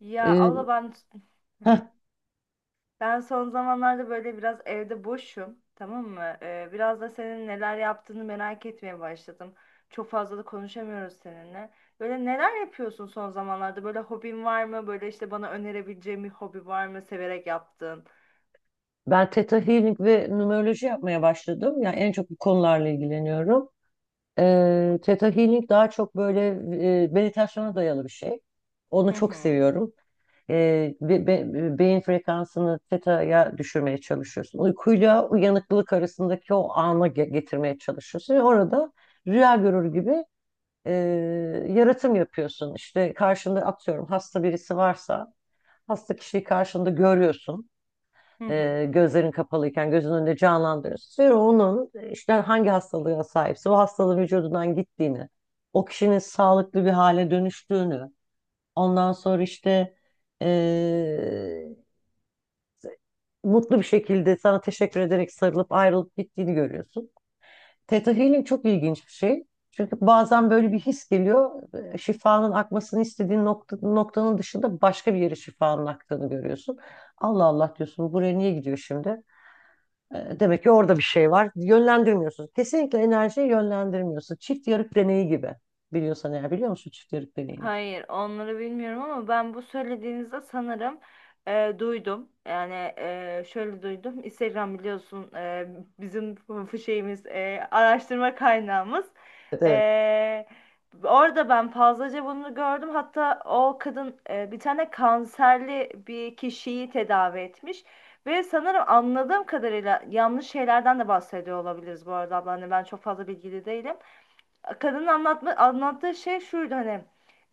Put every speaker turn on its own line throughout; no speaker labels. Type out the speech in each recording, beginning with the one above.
Ya abla
Ee,
ben
heh,
ben son zamanlarda böyle biraz evde boşum, tamam mı? Biraz da senin neler yaptığını merak etmeye başladım. Çok fazla da konuşamıyoruz seninle. Böyle neler yapıyorsun son zamanlarda? Böyle hobin var mı? Böyle işte bana önerebileceğin bir hobi var mı? Severek yaptığın.
ben Theta Healing ve numeroloji yapmaya başladım. Yani en çok bu konularla ilgileniyorum. Theta Healing daha çok böyle meditasyona dayalı bir şey. Onu
Hı
çok
hı.
seviyorum. Beyin frekansını theta'ya düşürmeye çalışıyorsun. Uykuyla uyanıklılık arasındaki o ana getirmeye çalışıyorsun. Ve orada rüya görür gibi e, yaratım yapıyorsun. İşte karşında atıyorum hasta birisi varsa hasta kişiyi karşında görüyorsun.
Hı hı.
Gözlerin kapalıyken gözün önünde canlandırıyorsun. Sonra onun işte hangi hastalığa sahipse o hastalığın vücudundan gittiğini, o kişinin sağlıklı bir hale dönüştüğünü, ondan sonra işte e, mutlu bir şekilde sana teşekkür ederek sarılıp ayrılıp gittiğini görüyorsun. Theta Healing çok ilginç bir şey. Çünkü bazen böyle bir his geliyor. Şifanın akmasını istediğin nokta, noktanın dışında başka bir yere şifanın aktığını görüyorsun. Allah Allah diyorsun, buraya niye gidiyor şimdi? E, Demek ki orada bir şey var. Yönlendirmiyorsunuz. Kesinlikle enerjiyi yönlendirmiyorsun. Çift yarık deneyi gibi. Biliyorsan eğer, biliyor musun çift yarık deneyini?
Hayır, onları bilmiyorum ama ben bu söylediğinizde sanırım duydum. Yani şöyle duydum. Instagram biliyorsun, bizim şeyimiz, araştırma kaynağımız.
Evet, evet,
E, Orada ben fazlaca bunu gördüm. Hatta o kadın bir tane kanserli bir kişiyi tedavi etmiş. Ve sanırım anladığım kadarıyla yanlış şeylerden de bahsediyor olabiliriz bu arada abla. Hani ben çok fazla bilgili değilim, kadının anlattığı şey şuydu hani,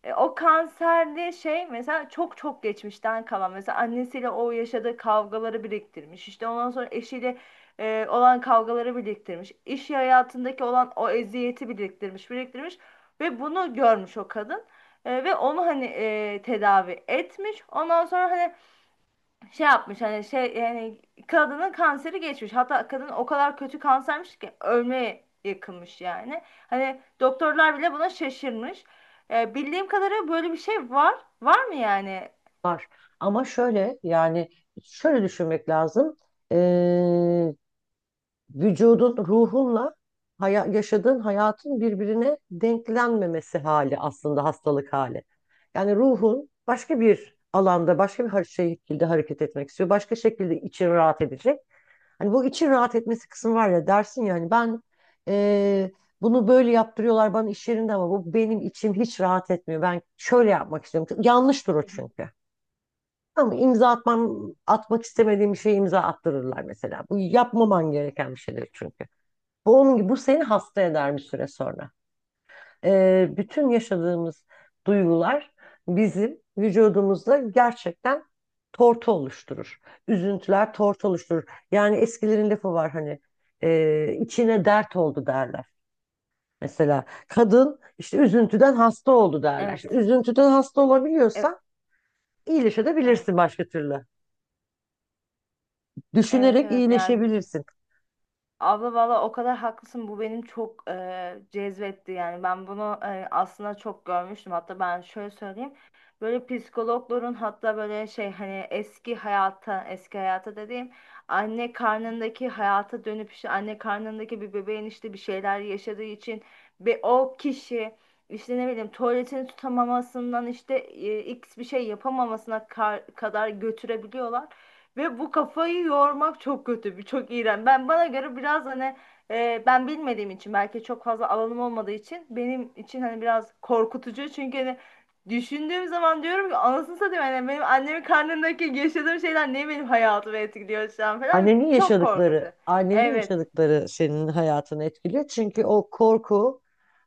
o kanserli şey mesela çok çok geçmişten kalan mesela annesiyle o yaşadığı kavgaları biriktirmiş, işte ondan sonra eşiyle olan kavgaları biriktirmiş, iş hayatındaki olan o eziyeti biriktirmiş biriktirmiş ve bunu görmüş o kadın. Ve onu hani tedavi etmiş, ondan sonra hani şey yapmış, hani şey, yani kadının kanseri geçmiş. Hatta kadın o kadar kötü kansermiş ki ölmeye yakınmış yani. Hani doktorlar bile buna şaşırmış. Bildiğim kadarıyla böyle bir şey var. Var mı yani?
var. Ama şöyle, yani şöyle düşünmek lazım. Ee, vücudun, ruhunla yaşadığın hayatın birbirine denklenmemesi hali aslında hastalık hali. Yani ruhun başka bir alanda, başka bir şekilde hareket etmek istiyor. Başka şekilde için rahat edecek. Hani bu için rahat etmesi kısmı var ya, dersin yani, ben eee, bunu böyle yaptırıyorlar bana iş yerinde ama bu benim içim hiç rahat etmiyor. Ben şöyle yapmak istiyorum. Yanlıştır o
Hı hı.
çünkü. Ama imza atmam, atmak istemediğim bir şeye imza attırırlar mesela. Bu yapmaman gereken bir şeydir çünkü. Bu onun gibi, bu seni hasta eder bir süre sonra. Bütün yaşadığımız duygular bizim vücudumuzda gerçekten tortu oluşturur. Üzüntüler tortu oluşturur. Yani eskilerin lafı var hani, içine dert oldu derler. Mesela kadın işte üzüntüden hasta oldu derler. Şimdi
Evet.
üzüntüden hasta
Evet.
olabiliyorsan
Evet.
iyileşebilirsin başka türlü.
Evet,
Düşünerek
evet, yani
iyileşebilirsin.
abla valla o kadar haklısın, bu benim çok cezbetti. Yani ben bunu aslında çok görmüştüm. Hatta ben şöyle söyleyeyim, böyle psikologların, hatta böyle şey, hani eski hayata, eski hayata dediğim anne karnındaki hayata dönüp, işte anne karnındaki bir bebeğin işte bir şeyler yaşadığı için ve o kişi işte ne bileyim tuvaletini tutamamasından, işte x bir şey yapamamasına kadar götürebiliyorlar. Ve bu kafayı yormak çok kötü, bir çok iğrenç. Ben bana göre biraz hani, ben bilmediğim için, belki çok fazla alanım olmadığı için benim için hani biraz korkutucu. Çünkü hani düşündüğüm zaman diyorum ki anasını satayım, hani benim annemin karnındaki yaşadığım şeyler niye benim hayatımı etkiliyor şu an falan.
Annenin
Çok korkutucu.
yaşadıkları, annenin
Evet,
yaşadıkları senin hayatını etkiliyor. Çünkü o korku,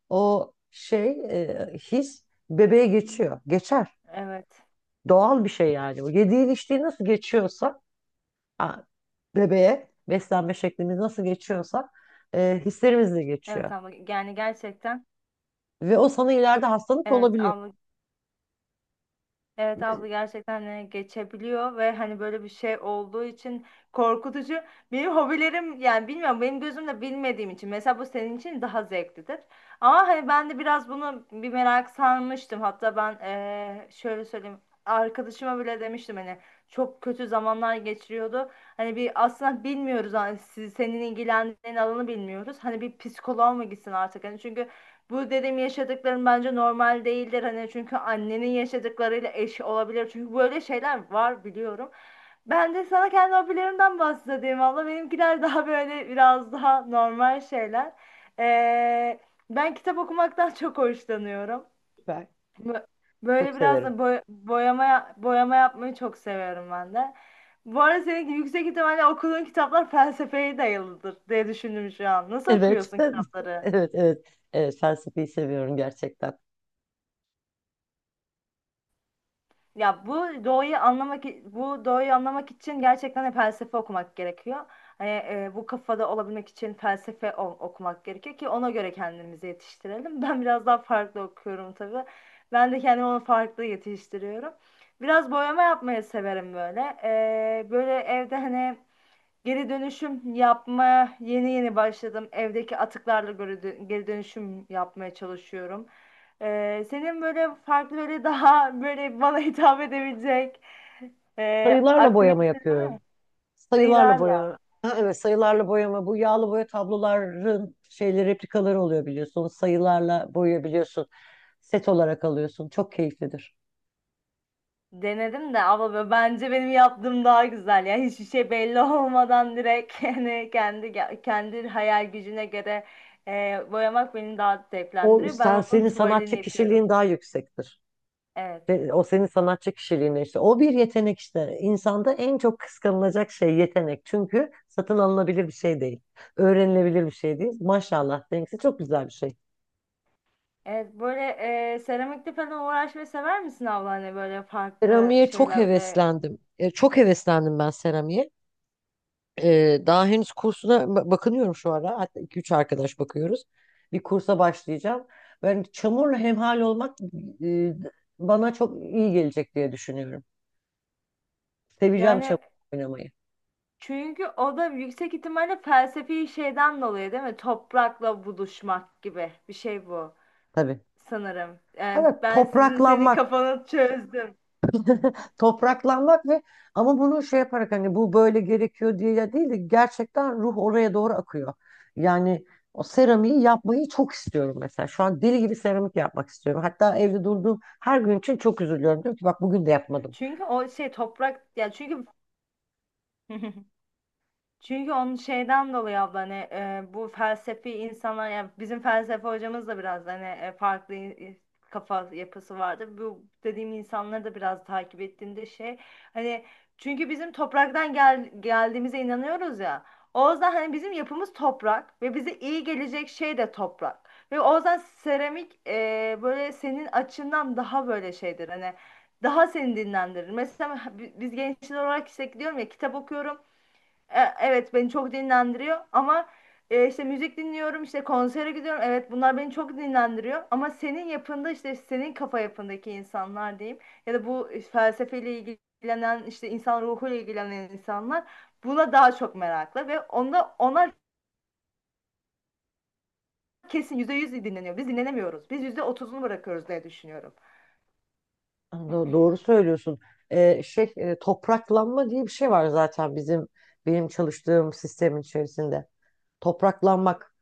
o şey, his bebeğe geçiyor. Geçer.
evet.
Doğal bir şey yani. O yediğin içtiğin nasıl geçiyorsa, ha, bebeğe beslenme şeklimiz nasıl geçiyorsa, hislerimiz de
Evet
geçiyor.
abla yani gerçekten
Ve o sana ileride hastalık
evet
olabiliyor.
abla, evet
Ben
abla gerçekten geçebiliyor ve hani böyle bir şey olduğu için korkutucu. Benim hobilerim yani bilmiyorum, benim gözümle bilmediğim için mesela bu senin için daha zevklidir. Ama hani ben de biraz bunu bir merak sarmıştım. Hatta ben şöyle söyleyeyim, arkadaşıma bile demiştim hani çok kötü zamanlar geçiriyordu. Hani bir aslında bilmiyoruz hani senin ilgilendiğin alanı bilmiyoruz. Hani bir psikoloğa mı gitsin artık hani, çünkü bu dedim yaşadıklarım bence normal değildir, hani çünkü annenin yaşadıklarıyla eş olabilir çünkü böyle şeyler var biliyorum. Ben de sana kendi hobilerimden bahsedeyim, valla benimkiler daha böyle biraz daha normal şeyler. Ee, Ben kitap okumaktan çok hoşlanıyorum.
ben
Bö-
çok
Böyle biraz
severim.
da boyama yapmayı çok seviyorum ben de. Bu arada senin yüksek ihtimalle okuduğun kitaplar felsefeye dayalıdır diye düşündüm şu an. Nasıl
Evet.
okuyorsun kitapları?
Evet, evet. Evet, felsefeyi seviyorum gerçekten.
Ya bu doğayı anlamak, bu doğayı anlamak için gerçekten de felsefe okumak gerekiyor. Hani bu kafada olabilmek için felsefe okumak gerekiyor ki ona göre kendimizi yetiştirelim. Ben biraz daha farklı okuyorum tabii. Ben de kendimi onu farklı yetiştiriyorum. Biraz boyama yapmayı severim böyle. Böyle evde hani geri dönüşüm yapmaya yeni yeni başladım. Evdeki atıklarla geri dönüşüm yapmaya çalışıyorum. Senin böyle farklı böyle daha böyle bana hitap edebilecek
Sayılarla boyama
aktivite
yapıyorum. Sayılarla boyama.
sayılarla
Ha, evet, sayılarla boyama, bu yağlı boya tabloların şeyleri, replikaları oluyor biliyorsun. Sayılarla boyayabiliyorsun. Set olarak alıyorsun. Çok keyiflidir.
denedim de, ama böyle bence benim yaptığım daha güzel. Yani hiçbir şey belli olmadan direkt yani kendi kendi hayal gücüne göre boyamak beni daha
O
zevklendiriyor. Ben
sen,
onun
senin sanatçı
tuvalini yapıyorum.
kişiliğin daha yüksektir.
Evet.
Ve o senin sanatçı kişiliğine işte. O bir yetenek işte. İnsanda en çok kıskanılacak şey yetenek. Çünkü satın alınabilir bir şey değil. Öğrenilebilir bir şey değil. Maşallah. Benimkisi çok güzel bir şey.
Evet böyle seramikle falan uğraşmayı sever misin abla, hani böyle farklı
Seramiğe çok
şeylerle?
heveslendim. E, çok heveslendim ben seramiğe. Daha henüz kursuna bakınıyorum şu ara. Hatta iki üç arkadaş bakıyoruz. Bir kursa başlayacağım. Ben çamurla hemhal olmak e, bana çok iyi gelecek diye düşünüyorum. Seveceğim çamur
Yani
oynamayı.
çünkü o da yüksek ihtimalle felsefi şeyden dolayı değil mi? Toprakla buluşmak gibi bir şey bu
Tabii.
sanırım. Yani
Evet,
ben senin
topraklanmak.
kafanı çözdüm.
Topraklanmak ve ama bunu şey yaparak, hani bu böyle gerekiyor diye ya değil de, gerçekten ruh oraya doğru akıyor. Yani o seramiği yapmayı çok istiyorum mesela. Şu an deli gibi seramik yapmak istiyorum. Hatta evde durduğum her gün için çok üzülüyorum. Diyorum ki bak, bugün de yapmadım.
Çünkü o şey toprak ya, çünkü çünkü onun şeyden dolayı abla, hani bu felsefi insanlar, yani bizim felsefe hocamız da biraz hani farklı kafa yapısı vardı. Bu dediğim insanları da biraz takip ettiğimde şey hani, çünkü bizim topraktan geldiğimize inanıyoruz ya. O yüzden hani bizim yapımız toprak ve bize iyi gelecek şey de toprak. Ve o yüzden seramik böyle senin açından daha böyle şeydir hani, daha seni dinlendirir. Mesela biz gençler olarak işte diyorum ya, kitap okuyorum. Evet beni çok dinlendiriyor ama işte müzik dinliyorum, işte konsere gidiyorum, evet bunlar beni çok dinlendiriyor. Ama senin yapında, işte senin kafa yapındaki insanlar diyeyim, ya da bu felsefeyle ilgilenen, işte insan ruhuyla ilgilenen insanlar buna daha çok meraklı ve onda onlar kesin %100 dinleniyor, biz dinlenemiyoruz, biz %30'unu bırakıyoruz diye düşünüyorum.
Doğru söylüyorsun. Şey, topraklanma diye bir şey var zaten bizim, benim çalıştığım sistemin içerisinde. Topraklanmak.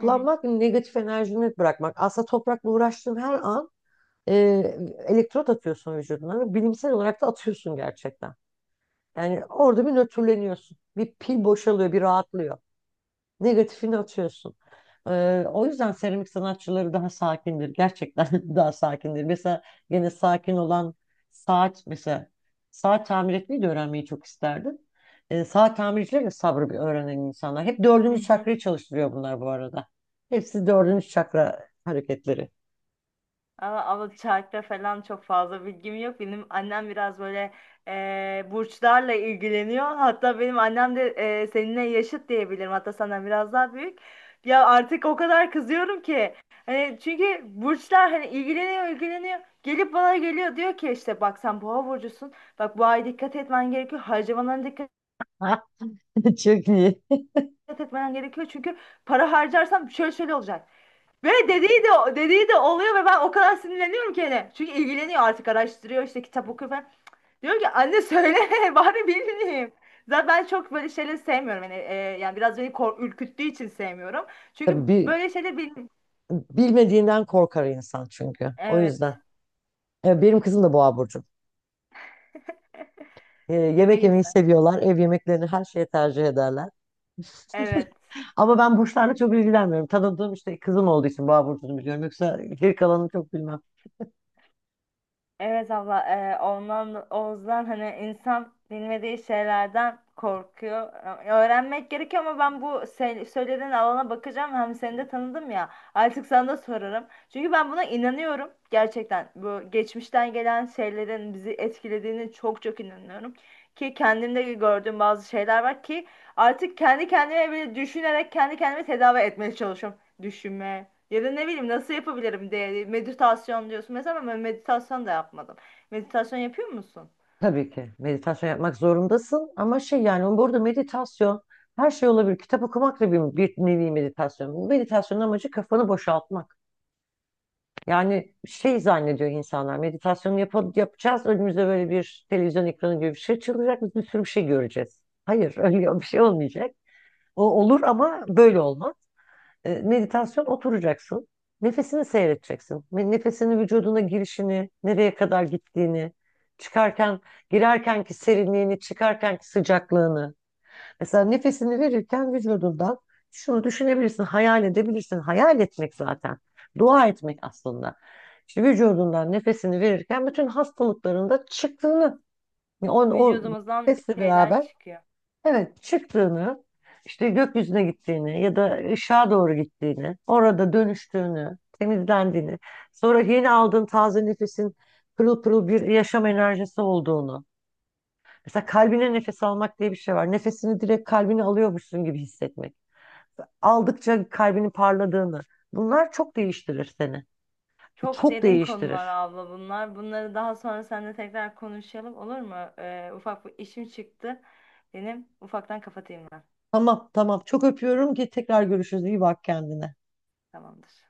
Hı
negatif enerjini bırakmak. Aslında toprakla uğraştığın her an e, elektrot atıyorsun vücuduna, ve bilimsel olarak da atıyorsun gerçekten. Yani orada bir nötrleniyorsun. Bir pil boşalıyor, bir rahatlıyor. Negatifini atıyorsun. O yüzden seramik sanatçıları daha sakindir. Gerçekten daha sakindir. Mesela gene sakin olan saat, mesela saat tamir etmeyi de öğrenmeyi çok isterdim. Saat tamircileri de sabrı bir öğrenen insanlar. Hep dördüncü
hı.
çakrayı çalıştırıyor bunlar bu arada. Hepsi dördüncü çakra hareketleri.
Ama, ama çarkta falan çok fazla bilgim yok. Benim annem biraz böyle burçlarla ilgileniyor. Hatta benim annem de seninle yaşıt diyebilirim. Hatta senden biraz daha büyük. Ya artık o kadar kızıyorum ki. Hani çünkü burçlar hani ilgileniyor ilgileniyor. Gelip bana geliyor diyor ki işte bak sen boğa burcusun. Bak bu ay dikkat etmen gerekiyor. Harcamalarına dikkat
Ha, çok iyi.
etmen gerekiyor. Çünkü para harcarsan şöyle şöyle olacak. Ve dediği de oluyor ve ben o kadar sinirleniyorum ki hele. Çünkü ilgileniyor artık, araştırıyor, işte kitap okuyor falan. Diyorum ki anne söyle bari bileyim. Zaten ben çok böyle şeyleri sevmiyorum. Yani biraz beni ürküttüğü için sevmiyorum.
Tabii,
Çünkü böyle şeyleri bil...
bilmediğinden korkar insan çünkü. O
Evet.
yüzden. Benim kızım da boğa burcu.
Ne
Yemek yemeyi
güzel.
seviyorlar. Ev yemeklerini her şeye tercih ederler.
Evet.
Ama ben burçlarla çok ilgilenmiyorum. Tanıdığım, işte kızım olduğu için boğa burcunu biliyorum. Yoksa geri kalanını çok bilmem.
Evet abla, ondan Oğuz'dan hani insan bilmediği şeylerden korkuyor. Öğrenmek gerekiyor ama ben bu söylediğin alana bakacağım. Hem seni de tanıdım ya, artık sana da sorarım. Çünkü ben buna inanıyorum gerçekten. Bu geçmişten gelen şeylerin bizi etkilediğini çok çok inanıyorum. Ki kendimde gördüğüm bazı şeyler var ki artık kendi kendime bile düşünerek kendi kendimi tedavi etmeye çalışıyorum. Düşünme, ya da ne bileyim nasıl yapabilirim diye, meditasyon diyorsun mesela, ama ben meditasyon da yapmadım. Meditasyon yapıyor musun?
Tabii ki meditasyon yapmak zorundasın, ama şey, yani burada meditasyon her şey olabilir. Kitap okumak da bir nevi meditasyon. Meditasyonun amacı kafanı boşaltmak. Yani şey zannediyor insanlar, meditasyon yapacağız, önümüze böyle bir televizyon ekranı gibi bir şey çıkacak, biz bir sürü bir şey göreceğiz. Hayır, öyle bir şey olmayacak. O olur ama böyle olmaz. E, meditasyon, oturacaksın. Nefesini seyredeceksin. Ve nefesini, vücuduna girişini, nereye kadar gittiğini, çıkarken, girerkenki serinliğini, çıkarkenki sıcaklığını. Mesela nefesini verirken vücudundan şunu düşünebilirsin, hayal edebilirsin. Hayal etmek zaten. Dua etmek aslında. İşte vücudundan nefesini verirken bütün hastalıklarında çıktığını, yani o
Vücudumuzdan
nefesle
bir şeyler
beraber
çıkıyor.
evet, çıktığını, işte gökyüzüne gittiğini ya da ışığa doğru gittiğini, orada dönüştüğünü, temizlendiğini, sonra yeni aldığın taze nefesin pırıl pırıl bir yaşam enerjisi olduğunu. Mesela kalbine nefes almak diye bir şey var. Nefesini direkt kalbine alıyormuşsun gibi hissetmek. Aldıkça kalbinin parladığını. Bunlar çok değiştirir seni.
Çok
Çok
derin konular
değiştirir.
abla bunlar. Bunları daha sonra seninle tekrar konuşalım, olur mu? Ufak bir işim çıktı. Benim ufaktan kapatayım ben.
Tamam, tamam. Çok öpüyorum, ki tekrar görüşürüz. İyi bak kendine.
Tamamdır.